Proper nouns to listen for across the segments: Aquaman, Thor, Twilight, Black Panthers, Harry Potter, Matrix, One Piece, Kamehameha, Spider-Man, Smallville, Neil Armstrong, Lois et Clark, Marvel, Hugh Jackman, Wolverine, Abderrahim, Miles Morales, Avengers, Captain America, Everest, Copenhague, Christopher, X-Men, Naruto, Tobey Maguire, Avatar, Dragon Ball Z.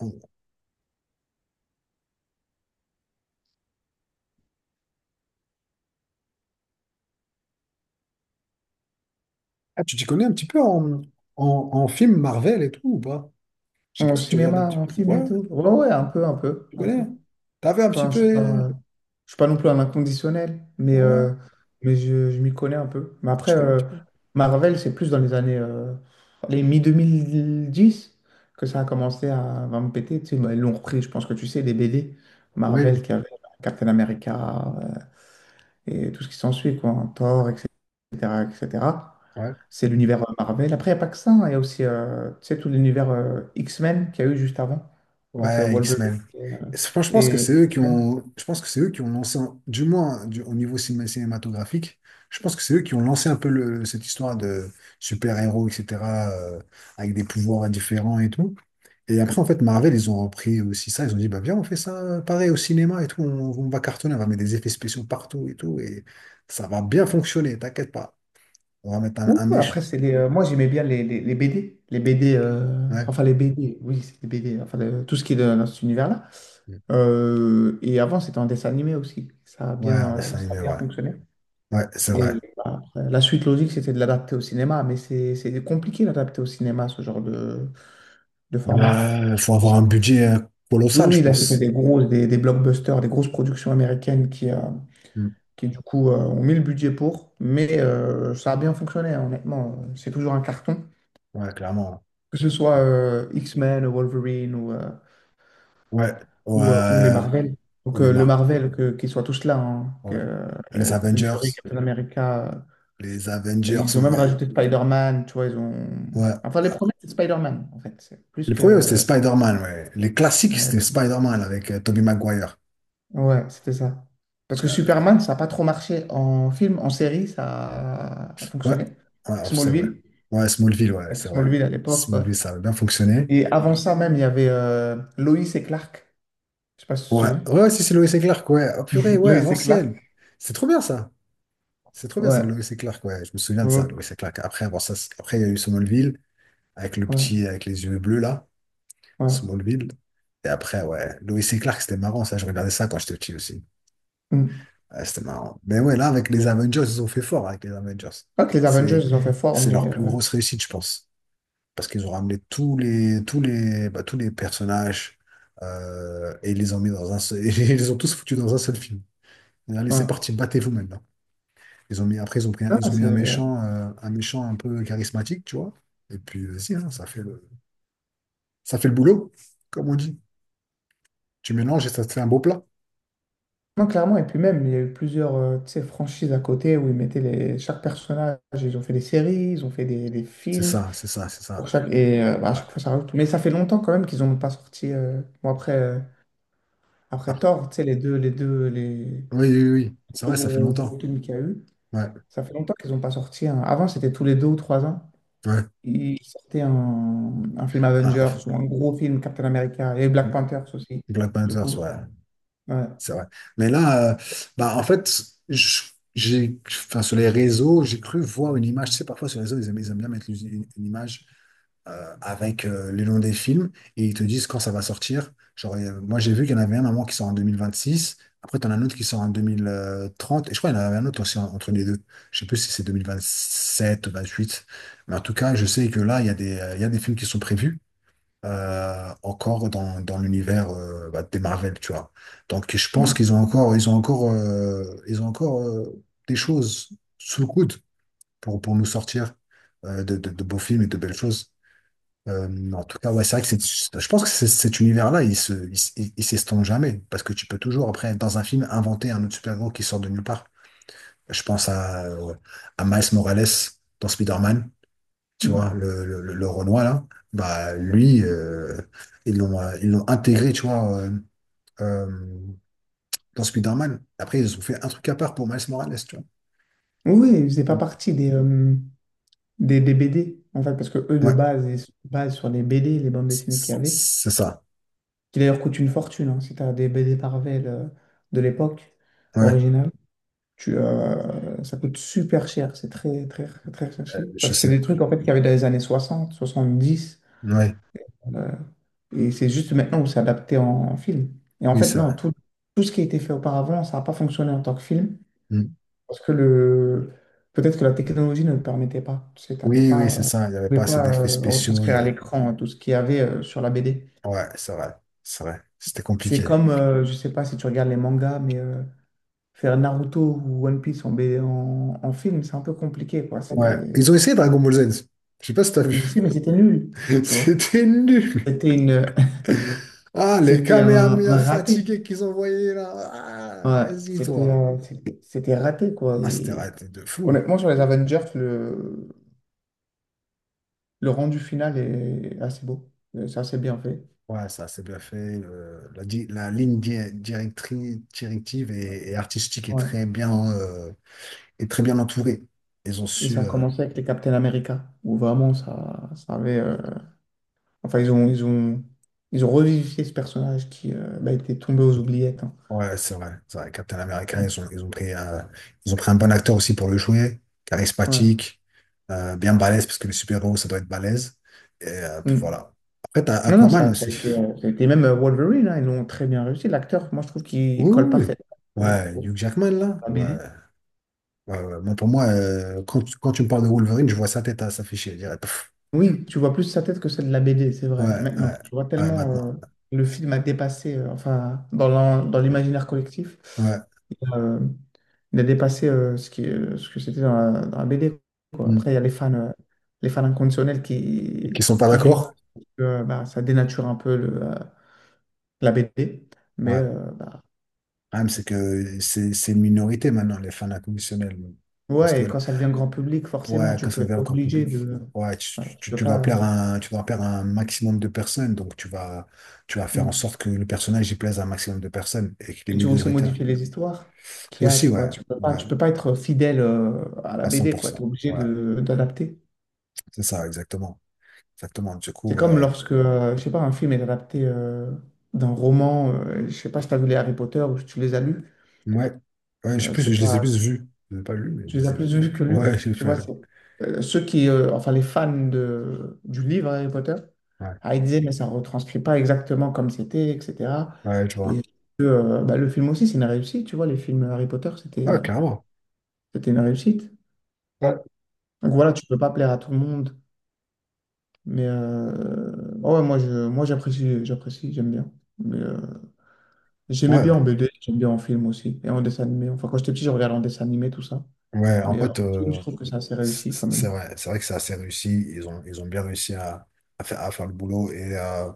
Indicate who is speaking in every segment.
Speaker 1: Ah, tu t'y connais un petit peu en, en, en film Marvel et tout ou pas? Je sais
Speaker 2: En
Speaker 1: pas si tu regardes un
Speaker 2: cinéma,
Speaker 1: petit peu.
Speaker 2: en film et
Speaker 1: Ouais,
Speaker 2: Tout? Ouais, un
Speaker 1: ouais,
Speaker 2: peu, un peu,
Speaker 1: tu
Speaker 2: un
Speaker 1: connais?
Speaker 2: peu.
Speaker 1: T'as vu un petit
Speaker 2: Enfin,
Speaker 1: peu?
Speaker 2: je suis pas non plus un inconditionnel,
Speaker 1: Ouais,
Speaker 2: mais je m'y connais un peu. Mais après,
Speaker 1: tu connais un petit peu.
Speaker 2: Marvel, c'est plus dans les années, les mi 2010 que ça a commencé à me péter. Tu sais, bah, ils l'ont repris, je pense que tu sais, les BD. Marvel
Speaker 1: Oui,
Speaker 2: qui avait Captain America, et tout ce qui s'ensuit, quoi, hein, Thor, etc., etc.
Speaker 1: ouais.
Speaker 2: C'est l'univers Marvel. Après, il n'y a pas que ça, hein, il y a aussi tu sais, tout l'univers X-Men qu'il y a eu juste avant, avec
Speaker 1: Ouais,
Speaker 2: Wolverine
Speaker 1: X-Men. Franchement, je pense que c'est
Speaker 2: et
Speaker 1: eux qui
Speaker 2: X-Men.
Speaker 1: ont, je pense que c'est eux qui ont lancé, au niveau cinématographique, je pense que c'est eux qui ont lancé un peu cette histoire de super-héros, etc., euh, avec des pouvoirs différents et tout. Et après, en fait, Marvel, ils ont repris aussi ça. Ils ont dit, bah, viens, on fait ça pareil au cinéma et tout. On va cartonner, on va mettre des effets spéciaux partout et tout. Et ça va bien fonctionner, t'inquiète pas. On va mettre
Speaker 2: Ouh,
Speaker 1: un méchant.
Speaker 2: après, c'est moi, j'aimais bien les BD. Les BD,
Speaker 1: Ouais,
Speaker 2: enfin les BD, oui, c'est les BD, enfin le- Tout ce qui est de- dans cet univers-là. Et avant, c'était en dessin animé aussi.
Speaker 1: ouais, un dessin
Speaker 2: Ça a
Speaker 1: animé,
Speaker 2: bien
Speaker 1: ouais.
Speaker 2: fonctionné.
Speaker 1: Ouais, c'est vrai.
Speaker 2: Et bah, après, la suite logique, c'était de l'adapter au cinéma, mais c'est compliqué d'adapter au cinéma ce genre de format.
Speaker 1: Il faut avoir un budget
Speaker 2: Oui,
Speaker 1: colossal, je
Speaker 2: oui, là, c'était
Speaker 1: pense.
Speaker 2: des grosses, des blockbusters, des grosses productions américaines
Speaker 1: Mm.
Speaker 2: qui du coup, ont mis le budget pour. Mais ça a bien fonctionné, hein, honnêtement. C'est toujours un carton,
Speaker 1: Ouais, clairement.
Speaker 2: que ce soit X-Men, Wolverine
Speaker 1: Ouais.
Speaker 2: ou les
Speaker 1: Ouais.
Speaker 2: Marvel. Donc,
Speaker 1: On est
Speaker 2: le
Speaker 1: marre.
Speaker 2: Marvel, que, qu'ils soient tous là, hein, que,
Speaker 1: Ouais. Les
Speaker 2: Captain Fury,
Speaker 1: Avengers.
Speaker 2: Captain America,
Speaker 1: Les Avengers,
Speaker 2: ils ont
Speaker 1: mon
Speaker 2: même
Speaker 1: gars.
Speaker 2: rajouté Spider-Man, tu vois, ils ont...
Speaker 1: Ouais.
Speaker 2: Enfin, les premiers, c'est Spider-Man, en fait. C'est plus
Speaker 1: Les premiers, c'était
Speaker 2: que...
Speaker 1: Spider-Man, ouais. Les classiques,
Speaker 2: euh,
Speaker 1: c'était Spider-Man avec Tobey Maguire.
Speaker 2: Ouais, c'était ça. Parce que
Speaker 1: J'avais-
Speaker 2: Superman, ça n'a pas trop marché en film, en série, ça a
Speaker 1: Ouais.
Speaker 2: fonctionné.
Speaker 1: Ouais, c'est vrai.
Speaker 2: Smallville,
Speaker 1: Ouais, Smallville, ouais,
Speaker 2: avec
Speaker 1: c'est vrai.
Speaker 2: Smallville à l'époque. Ouais.
Speaker 1: Smallville, ça avait bien fonctionné.
Speaker 2: Et avant ça même, il y avait Lois et Clark. Je sais pas si tu te
Speaker 1: Ouais.
Speaker 2: souviens.
Speaker 1: Ouais, si c'est Lois et Clark, ouais. Oh, purée, ouais, à
Speaker 2: Lois et Clark.
Speaker 1: l'ancienne. C'est trop bien, ça. C'est trop bien, ça,
Speaker 2: Ouais.
Speaker 1: Lois et Clark, ouais. Je me souviens de
Speaker 2: Ouais,
Speaker 1: ça, Lois et Clark. Après, avoir ça, après, il y a eu Smallville. Avec le
Speaker 2: ouais.
Speaker 1: petit, avec les yeux bleus, là,
Speaker 2: Ouais.
Speaker 1: Smallville. Et après, ouais, Lois et Clark, c'était marrant, ça, je regardais ça quand j'étais petit aussi.
Speaker 2: Hmm.
Speaker 1: Ouais, c'était marrant. Mais ouais, là, avec les Avengers, ils ont fait fort avec les Avengers.
Speaker 2: Pas que les Avengers,
Speaker 1: C'est,
Speaker 2: ils ont fait fort,
Speaker 1: c'est
Speaker 2: mais...
Speaker 1: leur plus grosse réussite, je pense. Parce qu'ils ont ramené tous les personnages et ils les ont mis dans un seul, et ils les ont tous foutus dans un seul film. Et allez, c'est
Speaker 2: ouais.
Speaker 1: parti, battez-vous maintenant. Ils ont mis, après, ils ont mis un
Speaker 2: Ouais.
Speaker 1: méchant, un méchant un peu charismatique, tu vois. Et puis, vas-y, hein, ça fait ça fait le boulot, comme on dit. Tu mélanges et ça te fait un beau plat.
Speaker 2: Non, clairement. Et puis même, il y a eu plusieurs tu sais, franchises à côté où ils mettaient les... chaque personnage. Ils ont fait des séries, ils ont fait des
Speaker 1: C'est
Speaker 2: films.
Speaker 1: ça, c'est ça, c'est
Speaker 2: Pour
Speaker 1: ça.
Speaker 2: chaque... Et bah, à
Speaker 1: Ouais.
Speaker 2: chaque fois, ça rajoute. Mais ça fait longtemps quand même qu'ils n'ont pas sorti. Bon, après, après
Speaker 1: Après.
Speaker 2: Thor, tu sais, les
Speaker 1: Oui, oui, oui. C'est
Speaker 2: deux
Speaker 1: vrai, ça fait
Speaker 2: gros, gros
Speaker 1: longtemps.
Speaker 2: films qu'il y a eu,
Speaker 1: Ouais,
Speaker 2: ça fait longtemps qu'ils n'ont pas sorti. Avant, c'était tous les deux ou trois ans.
Speaker 1: ouais.
Speaker 2: Ils sortaient un film
Speaker 1: Ah,
Speaker 2: Avengers
Speaker 1: f-
Speaker 2: ou un gros film Captain America et Black Panthers aussi,
Speaker 1: Black
Speaker 2: du
Speaker 1: Panthers,
Speaker 2: coup.
Speaker 1: ouais,
Speaker 2: Ouais.
Speaker 1: c'est vrai. Mais là, bah, en fait, je- J'ai, enfin, sur les réseaux, j'ai cru voir une image. Tu sais, parfois sur les réseaux, ils aiment bien mettre une image avec le nom des films et ils te disent quand ça va sortir. Genre, moi, j'ai vu qu'il y en avait un à moi qui sort en 2026. Après, tu en as un autre qui sort en 2030. Et je crois qu'il y en avait un autre aussi en- entre les deux. Je sais plus si c'est 2027 ou 28. Mais en tout cas, je sais que là, il y a des films qui sont prévus encore dans l'univers des Marvel, tu vois. Donc, je pense qu'ils
Speaker 2: Mm.
Speaker 1: ont encore, ils ont encore des choses sous le coude pour nous sortir de beaux films et de belles choses. En tout cas, ouais, c'est vrai que je pense que cet univers-là, il se, il, s- il s'estompe jamais. Parce que tu peux toujours, après, dans un film, inventer un autre super-héros qui sort de nulle part. Je pense à Miles Morales dans Spider-Man, tu
Speaker 2: Mm.
Speaker 1: vois, le Renoir, là. Bah, lui, ils l'ont intégré, tu vois, euh, dans Spider-Man. Après, ils ont fait un truc à part pour Miles Morales, tu vois.
Speaker 2: Oui, ils faisaient pas
Speaker 1: Mm.
Speaker 2: partie des, des BD, en fait, parce que eux, de
Speaker 1: Ouais,
Speaker 2: base, ils se basent sur les BD, les bandes dessinées qu'il y avait.
Speaker 1: c'est ça.
Speaker 2: Qui d'ailleurs coûte une fortune, hein. Si tu as des BD Marvel de l'époque
Speaker 1: Ouais,
Speaker 2: originale, ça coûte super cher. C'est très, très, très recherché.
Speaker 1: Je
Speaker 2: Parce que
Speaker 1: sais.
Speaker 2: c'est des trucs en fait, qu'il y avait dans les années 60, 70.
Speaker 1: Ouais,
Speaker 2: euh, et c'est juste maintenant où c'est adapté en, en film. Et en
Speaker 1: oui,
Speaker 2: fait,
Speaker 1: c'est
Speaker 2: non,
Speaker 1: vrai.
Speaker 2: tout, tout ce qui a été fait auparavant, ça n'a pas fonctionné en tant que film.
Speaker 1: Mm.
Speaker 2: Parce que le... peut-être que la technologie ne le permettait pas. Tu sais, t'avais
Speaker 1: Oui, oui,
Speaker 2: pas,
Speaker 1: c'est
Speaker 2: tu
Speaker 1: ça. Il n'y avait
Speaker 2: pouvais
Speaker 1: pas assez
Speaker 2: pas
Speaker 1: d'effets spéciaux.
Speaker 2: retranscrire à l'écran tout ce qu'il y avait sur la BD.
Speaker 1: Ouais, c'est vrai. C'est vrai. C'était
Speaker 2: C'est
Speaker 1: compliqué.
Speaker 2: comme, je sais pas si tu regardes les mangas, mais faire Naruto ou One Piece en film, c'est un peu compliqué, quoi.
Speaker 1: Ouais. Ils ont essayé Dragon Ball Z. Je sais pas si t'as vu.
Speaker 2: Je sais, mais c'était nul, tu vois.
Speaker 1: C'était nul.
Speaker 2: C'était une...
Speaker 1: Ah, les
Speaker 2: c'était
Speaker 1: Kamehameha
Speaker 2: un raté.
Speaker 1: fatigués qu'ils envoyaient là. Ah,
Speaker 2: Ouais,
Speaker 1: vas-y,
Speaker 2: c'était
Speaker 1: toi.
Speaker 2: un- c'était C'était raté, quoi.
Speaker 1: Ah, c'était
Speaker 2: Et
Speaker 1: raté de fou.
Speaker 2: honnêtement, sur les Avengers, le rendu final est assez beau. C'est assez bien fait.
Speaker 1: Ouais, ça, c'est bien fait. La ligne directrice, directive et artistique
Speaker 2: Ouais.
Speaker 1: est très bien entourée. Ils ont
Speaker 2: Et ça
Speaker 1: su.
Speaker 2: a commencé avec les Captain America, où vraiment, ça avait... Enfin, ils ont revivifié ce personnage qui bah, était tombé aux oubliettes, hein.
Speaker 1: Ouais, c'est vrai. C'est vrai. Captain America,
Speaker 2: Mm.
Speaker 1: ils ont pris un bon acteur aussi pour le jouer,
Speaker 2: Ouais.
Speaker 1: charismatique, bien balèze, parce que les super-héros, ça doit être balèze. Et puis
Speaker 2: Mm.
Speaker 1: voilà. Après, t'as
Speaker 2: Non, non,
Speaker 1: Aquaman aussi.
Speaker 2: ça a été même Wolverine, hein, ils l'ont très bien réussi. L'acteur, moi, je trouve qu'il
Speaker 1: Oui,
Speaker 2: colle
Speaker 1: oui,
Speaker 2: parfaitement
Speaker 1: oui.
Speaker 2: au,
Speaker 1: Ouais,
Speaker 2: au-
Speaker 1: Hugh Jackman, là.
Speaker 2: à la
Speaker 1: Ouais.
Speaker 2: BD.
Speaker 1: Ouais, ouais. Moi, pour moi, quand tu me parles de Wolverine, je vois sa tête à s'afficher. Je dirais, pff.
Speaker 2: Oui, tu vois plus sa tête que celle de la BD, c'est vrai.
Speaker 1: Ouais,
Speaker 2: Maintenant,
Speaker 1: ouais,
Speaker 2: tu vois
Speaker 1: ouais,
Speaker 2: tellement
Speaker 1: maintenant.
Speaker 2: le film a dépassé, enfin, dans l'imaginaire collectif,
Speaker 1: Ouais.
Speaker 2: il a, euh, il a dépassé ce que c'était dans la BD, quoi.
Speaker 1: Hmm.
Speaker 2: Après, il y a les fans inconditionnels
Speaker 1: Et qu'ils sont pas
Speaker 2: qui
Speaker 1: d'accord?
Speaker 2: gribouillent que bah, ça dénature un peu la BD. Mais
Speaker 1: Ouais. Le
Speaker 2: euh, bah,
Speaker 1: problème, c'est que c'est une minorité maintenant, les fans inconditionnels. Parce
Speaker 2: Ouais,
Speaker 1: que
Speaker 2: et quand ça devient grand public, forcément,
Speaker 1: Ouais, quand
Speaker 2: tu
Speaker 1: c'est
Speaker 2: peux être
Speaker 1: ouvert au grand
Speaker 2: obligé
Speaker 1: public,
Speaker 2: de.
Speaker 1: ouais,
Speaker 2: Voilà, tu peux
Speaker 1: tu
Speaker 2: pas.
Speaker 1: dois plaire à un, tu dois plaire à un maximum de personnes, donc tu vas faire en
Speaker 2: Mm.
Speaker 1: sorte que le personnage y plaise à un maximum de personnes et qu'il est
Speaker 2: Et tu veux aussi
Speaker 1: minoritaire.
Speaker 2: modifier les histoires qu'il y a,
Speaker 1: Aussi,
Speaker 2: tu
Speaker 1: ouais,
Speaker 2: vois.
Speaker 1: ouais,
Speaker 2: Tu peux pas être fidèle à la
Speaker 1: à cent
Speaker 2: BD,
Speaker 1: pour
Speaker 2: quoi. Tu es
Speaker 1: cent
Speaker 2: obligé
Speaker 1: Ouais,
Speaker 2: de d'adapter.
Speaker 1: c'est ça, exactement. Exactement. Du
Speaker 2: C'est
Speaker 1: coup,
Speaker 2: comme lorsque, je sais pas, un film est adapté d'un roman. Je sais pas si tu as vu les Harry Potter ou si tu les as lus.
Speaker 1: ouais, ouais, je sais plus,
Speaker 2: C'est
Speaker 1: je les ai
Speaker 2: pas,
Speaker 1: plus vus. Je les ai pas lus, mais je
Speaker 2: tu les
Speaker 1: les
Speaker 2: as
Speaker 1: ai vus.
Speaker 2: plus vus que
Speaker 1: Ouais,
Speaker 2: lus.
Speaker 1: j'ai
Speaker 2: Tu vois,
Speaker 1: fait.
Speaker 2: C'est enfin les fans du livre Harry Potter,
Speaker 1: Ouais,
Speaker 2: ah, ils disaient, mais ça ne retranscrit pas exactement comme c'était, etc.
Speaker 1: ouais, je
Speaker 2: Et
Speaker 1: vois.
Speaker 2: bah, le film aussi, c'est une réussite, tu vois, les films Harry Potter, c'était
Speaker 1: Ouais, carrément.
Speaker 2: c'était une réussite.
Speaker 1: Ouais,
Speaker 2: Donc voilà, tu peux pas plaire à tout le monde, mais euh, ouais, ouais, moi j'apprécie, j'apprécie, j'aime bien. Mais, euh, j'aimais bien en
Speaker 1: ouais,
Speaker 2: BD, j'aime bien en film aussi, et en dessin animé. Enfin, quand j'étais petit, je regardais en dessin animé, tout ça.
Speaker 1: ouais, en
Speaker 2: Mais en
Speaker 1: fait.
Speaker 2: film, je trouve que c'est assez réussi quand même.
Speaker 1: C'est vrai que c'est assez réussi. Ils ont bien réussi à faire le boulot. Et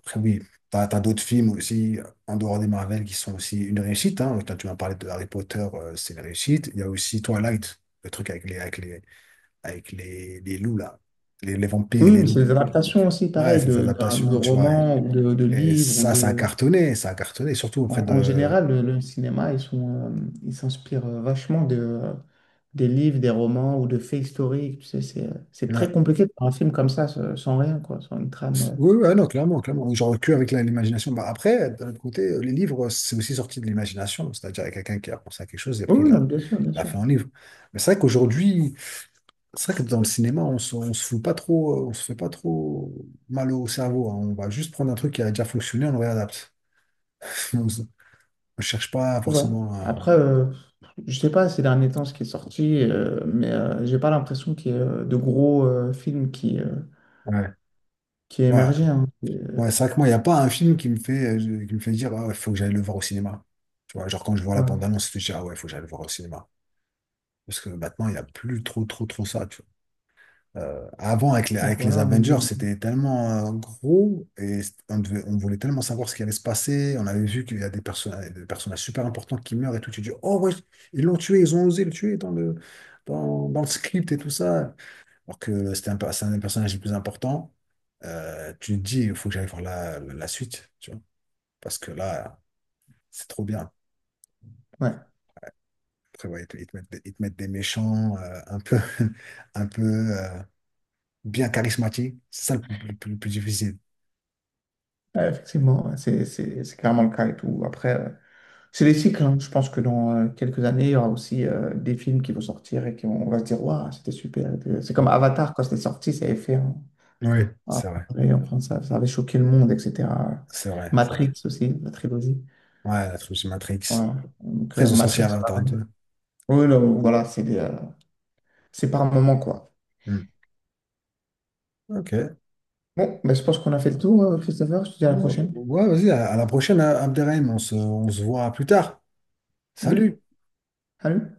Speaker 1: après, oui, t'as d'autres films aussi, en dehors des Marvel, qui sont aussi une réussite. Hein. Toi, tu m'as parlé de Harry Potter, c'est une réussite. Il y a aussi Twilight, le truc avec les loups, là. Les vampires et
Speaker 2: Oui,
Speaker 1: les
Speaker 2: mais
Speaker 1: loups.
Speaker 2: c'est des adaptations aussi,
Speaker 1: Ouais,
Speaker 2: pareil,
Speaker 1: ces
Speaker 2: de
Speaker 1: adaptations, tu vois.
Speaker 2: romans de
Speaker 1: Et
Speaker 2: livres ou
Speaker 1: ça,
Speaker 2: de...
Speaker 1: ça a cartonné, surtout auprès
Speaker 2: En
Speaker 1: de,
Speaker 2: général, le cinéma, ils s'inspirent vachement des livres, des romans ou de faits historiques. Tu sais, c'est
Speaker 1: ouais,
Speaker 2: très compliqué de faire un film comme ça, sans rien, quoi, sans une trame.
Speaker 1: Oui, oui, ah non, clairement, clairement. Genre que avec l'imagination. Bah, après, d'un autre côté, les livres, c'est aussi sorti de l'imagination. C'est-à-dire, il y a quelqu'un qui a pensé à quelque chose et
Speaker 2: Oui,
Speaker 1: pris
Speaker 2: oui, non,
Speaker 1: la,
Speaker 2: bien sûr, bien
Speaker 1: la
Speaker 2: sûr.
Speaker 1: fait en livre. Mais c'est vrai qu'aujourd'hui, c'est vrai que dans le cinéma, on se fout pas trop, on se fait pas trop mal au cerveau. Hein. On va juste prendre un truc qui a déjà fonctionné, on le réadapte. On se- cherche pas
Speaker 2: C'est vrai.
Speaker 1: forcément à-
Speaker 2: Après, je sais pas ces derniers temps ce qui est sorti, j'ai pas l'impression qu'il y ait de gros films
Speaker 1: Ouais.
Speaker 2: qui aient
Speaker 1: Ouais,
Speaker 2: émergé, hein.
Speaker 1: ouais, c'est vrai que moi, il n'y a pas un film qui me fait dire, ah, il faut que j'aille le voir au cinéma. Tu vois, genre quand je vois la
Speaker 2: Voilà.
Speaker 1: bande-annonce, je me dis, ah ouais, il faut que j'aille le voir au cinéma. Parce que maintenant, il n'y a plus trop, trop, trop ça, tu vois. Avant, avec
Speaker 2: Donc
Speaker 1: les
Speaker 2: voilà. on-
Speaker 1: Avengers, c'était tellement gros et on voulait tellement savoir ce qui allait se passer. On avait vu qu'il y a des personnages super importants qui meurent et tout. Tu dis, oh ouais, ils l'ont tué, ils ont osé le tuer dans dans le script et tout ça. Alors que c'était c'est un des personnages les plus importants. Tu te dis, il faut que j'aille voir la suite, tu vois. Parce que là, c'est trop bien.
Speaker 2: Ouais.
Speaker 1: Après, ouais, ils te mettent des méchants un peu. Bien charismatique. C'est ça le plus difficile.
Speaker 2: Ouais, effectivement, ouais, c'est clairement le cas et tout. Après, c'est les cycles, hein. Je pense que dans quelques années, il y aura aussi des films qui vont sortir et qui vont, on va se dire, waouh, c'était super. C'est comme
Speaker 1: Mm.
Speaker 2: Avatar, quand c'était sorti, ça avait fait
Speaker 1: Oui,
Speaker 2: un
Speaker 1: c'est vrai.
Speaker 2: vrai, enfin, ça avait choqué le monde, etc.
Speaker 1: C'est vrai, c'est vrai.
Speaker 2: Matrix aussi, la trilogie.
Speaker 1: Ouais, la trilogie Matrix.
Speaker 2: Voilà. Donc,
Speaker 1: Après, ils ont sorti
Speaker 2: Matrix,
Speaker 1: Avatar
Speaker 2: pareil.
Speaker 1: 2.
Speaker 2: Oui, là, voilà, c'est par moment, quoi.
Speaker 1: Mm. Ok.
Speaker 2: Bon, mais je pense qu'on a fait le tour, Christopher. Je te dis à la
Speaker 1: Bon,
Speaker 2: prochaine.
Speaker 1: ouais, vas-y, à la prochaine, hein, Abderrahim. On se voit plus tard.
Speaker 2: Oui,
Speaker 1: Salut!
Speaker 2: salut.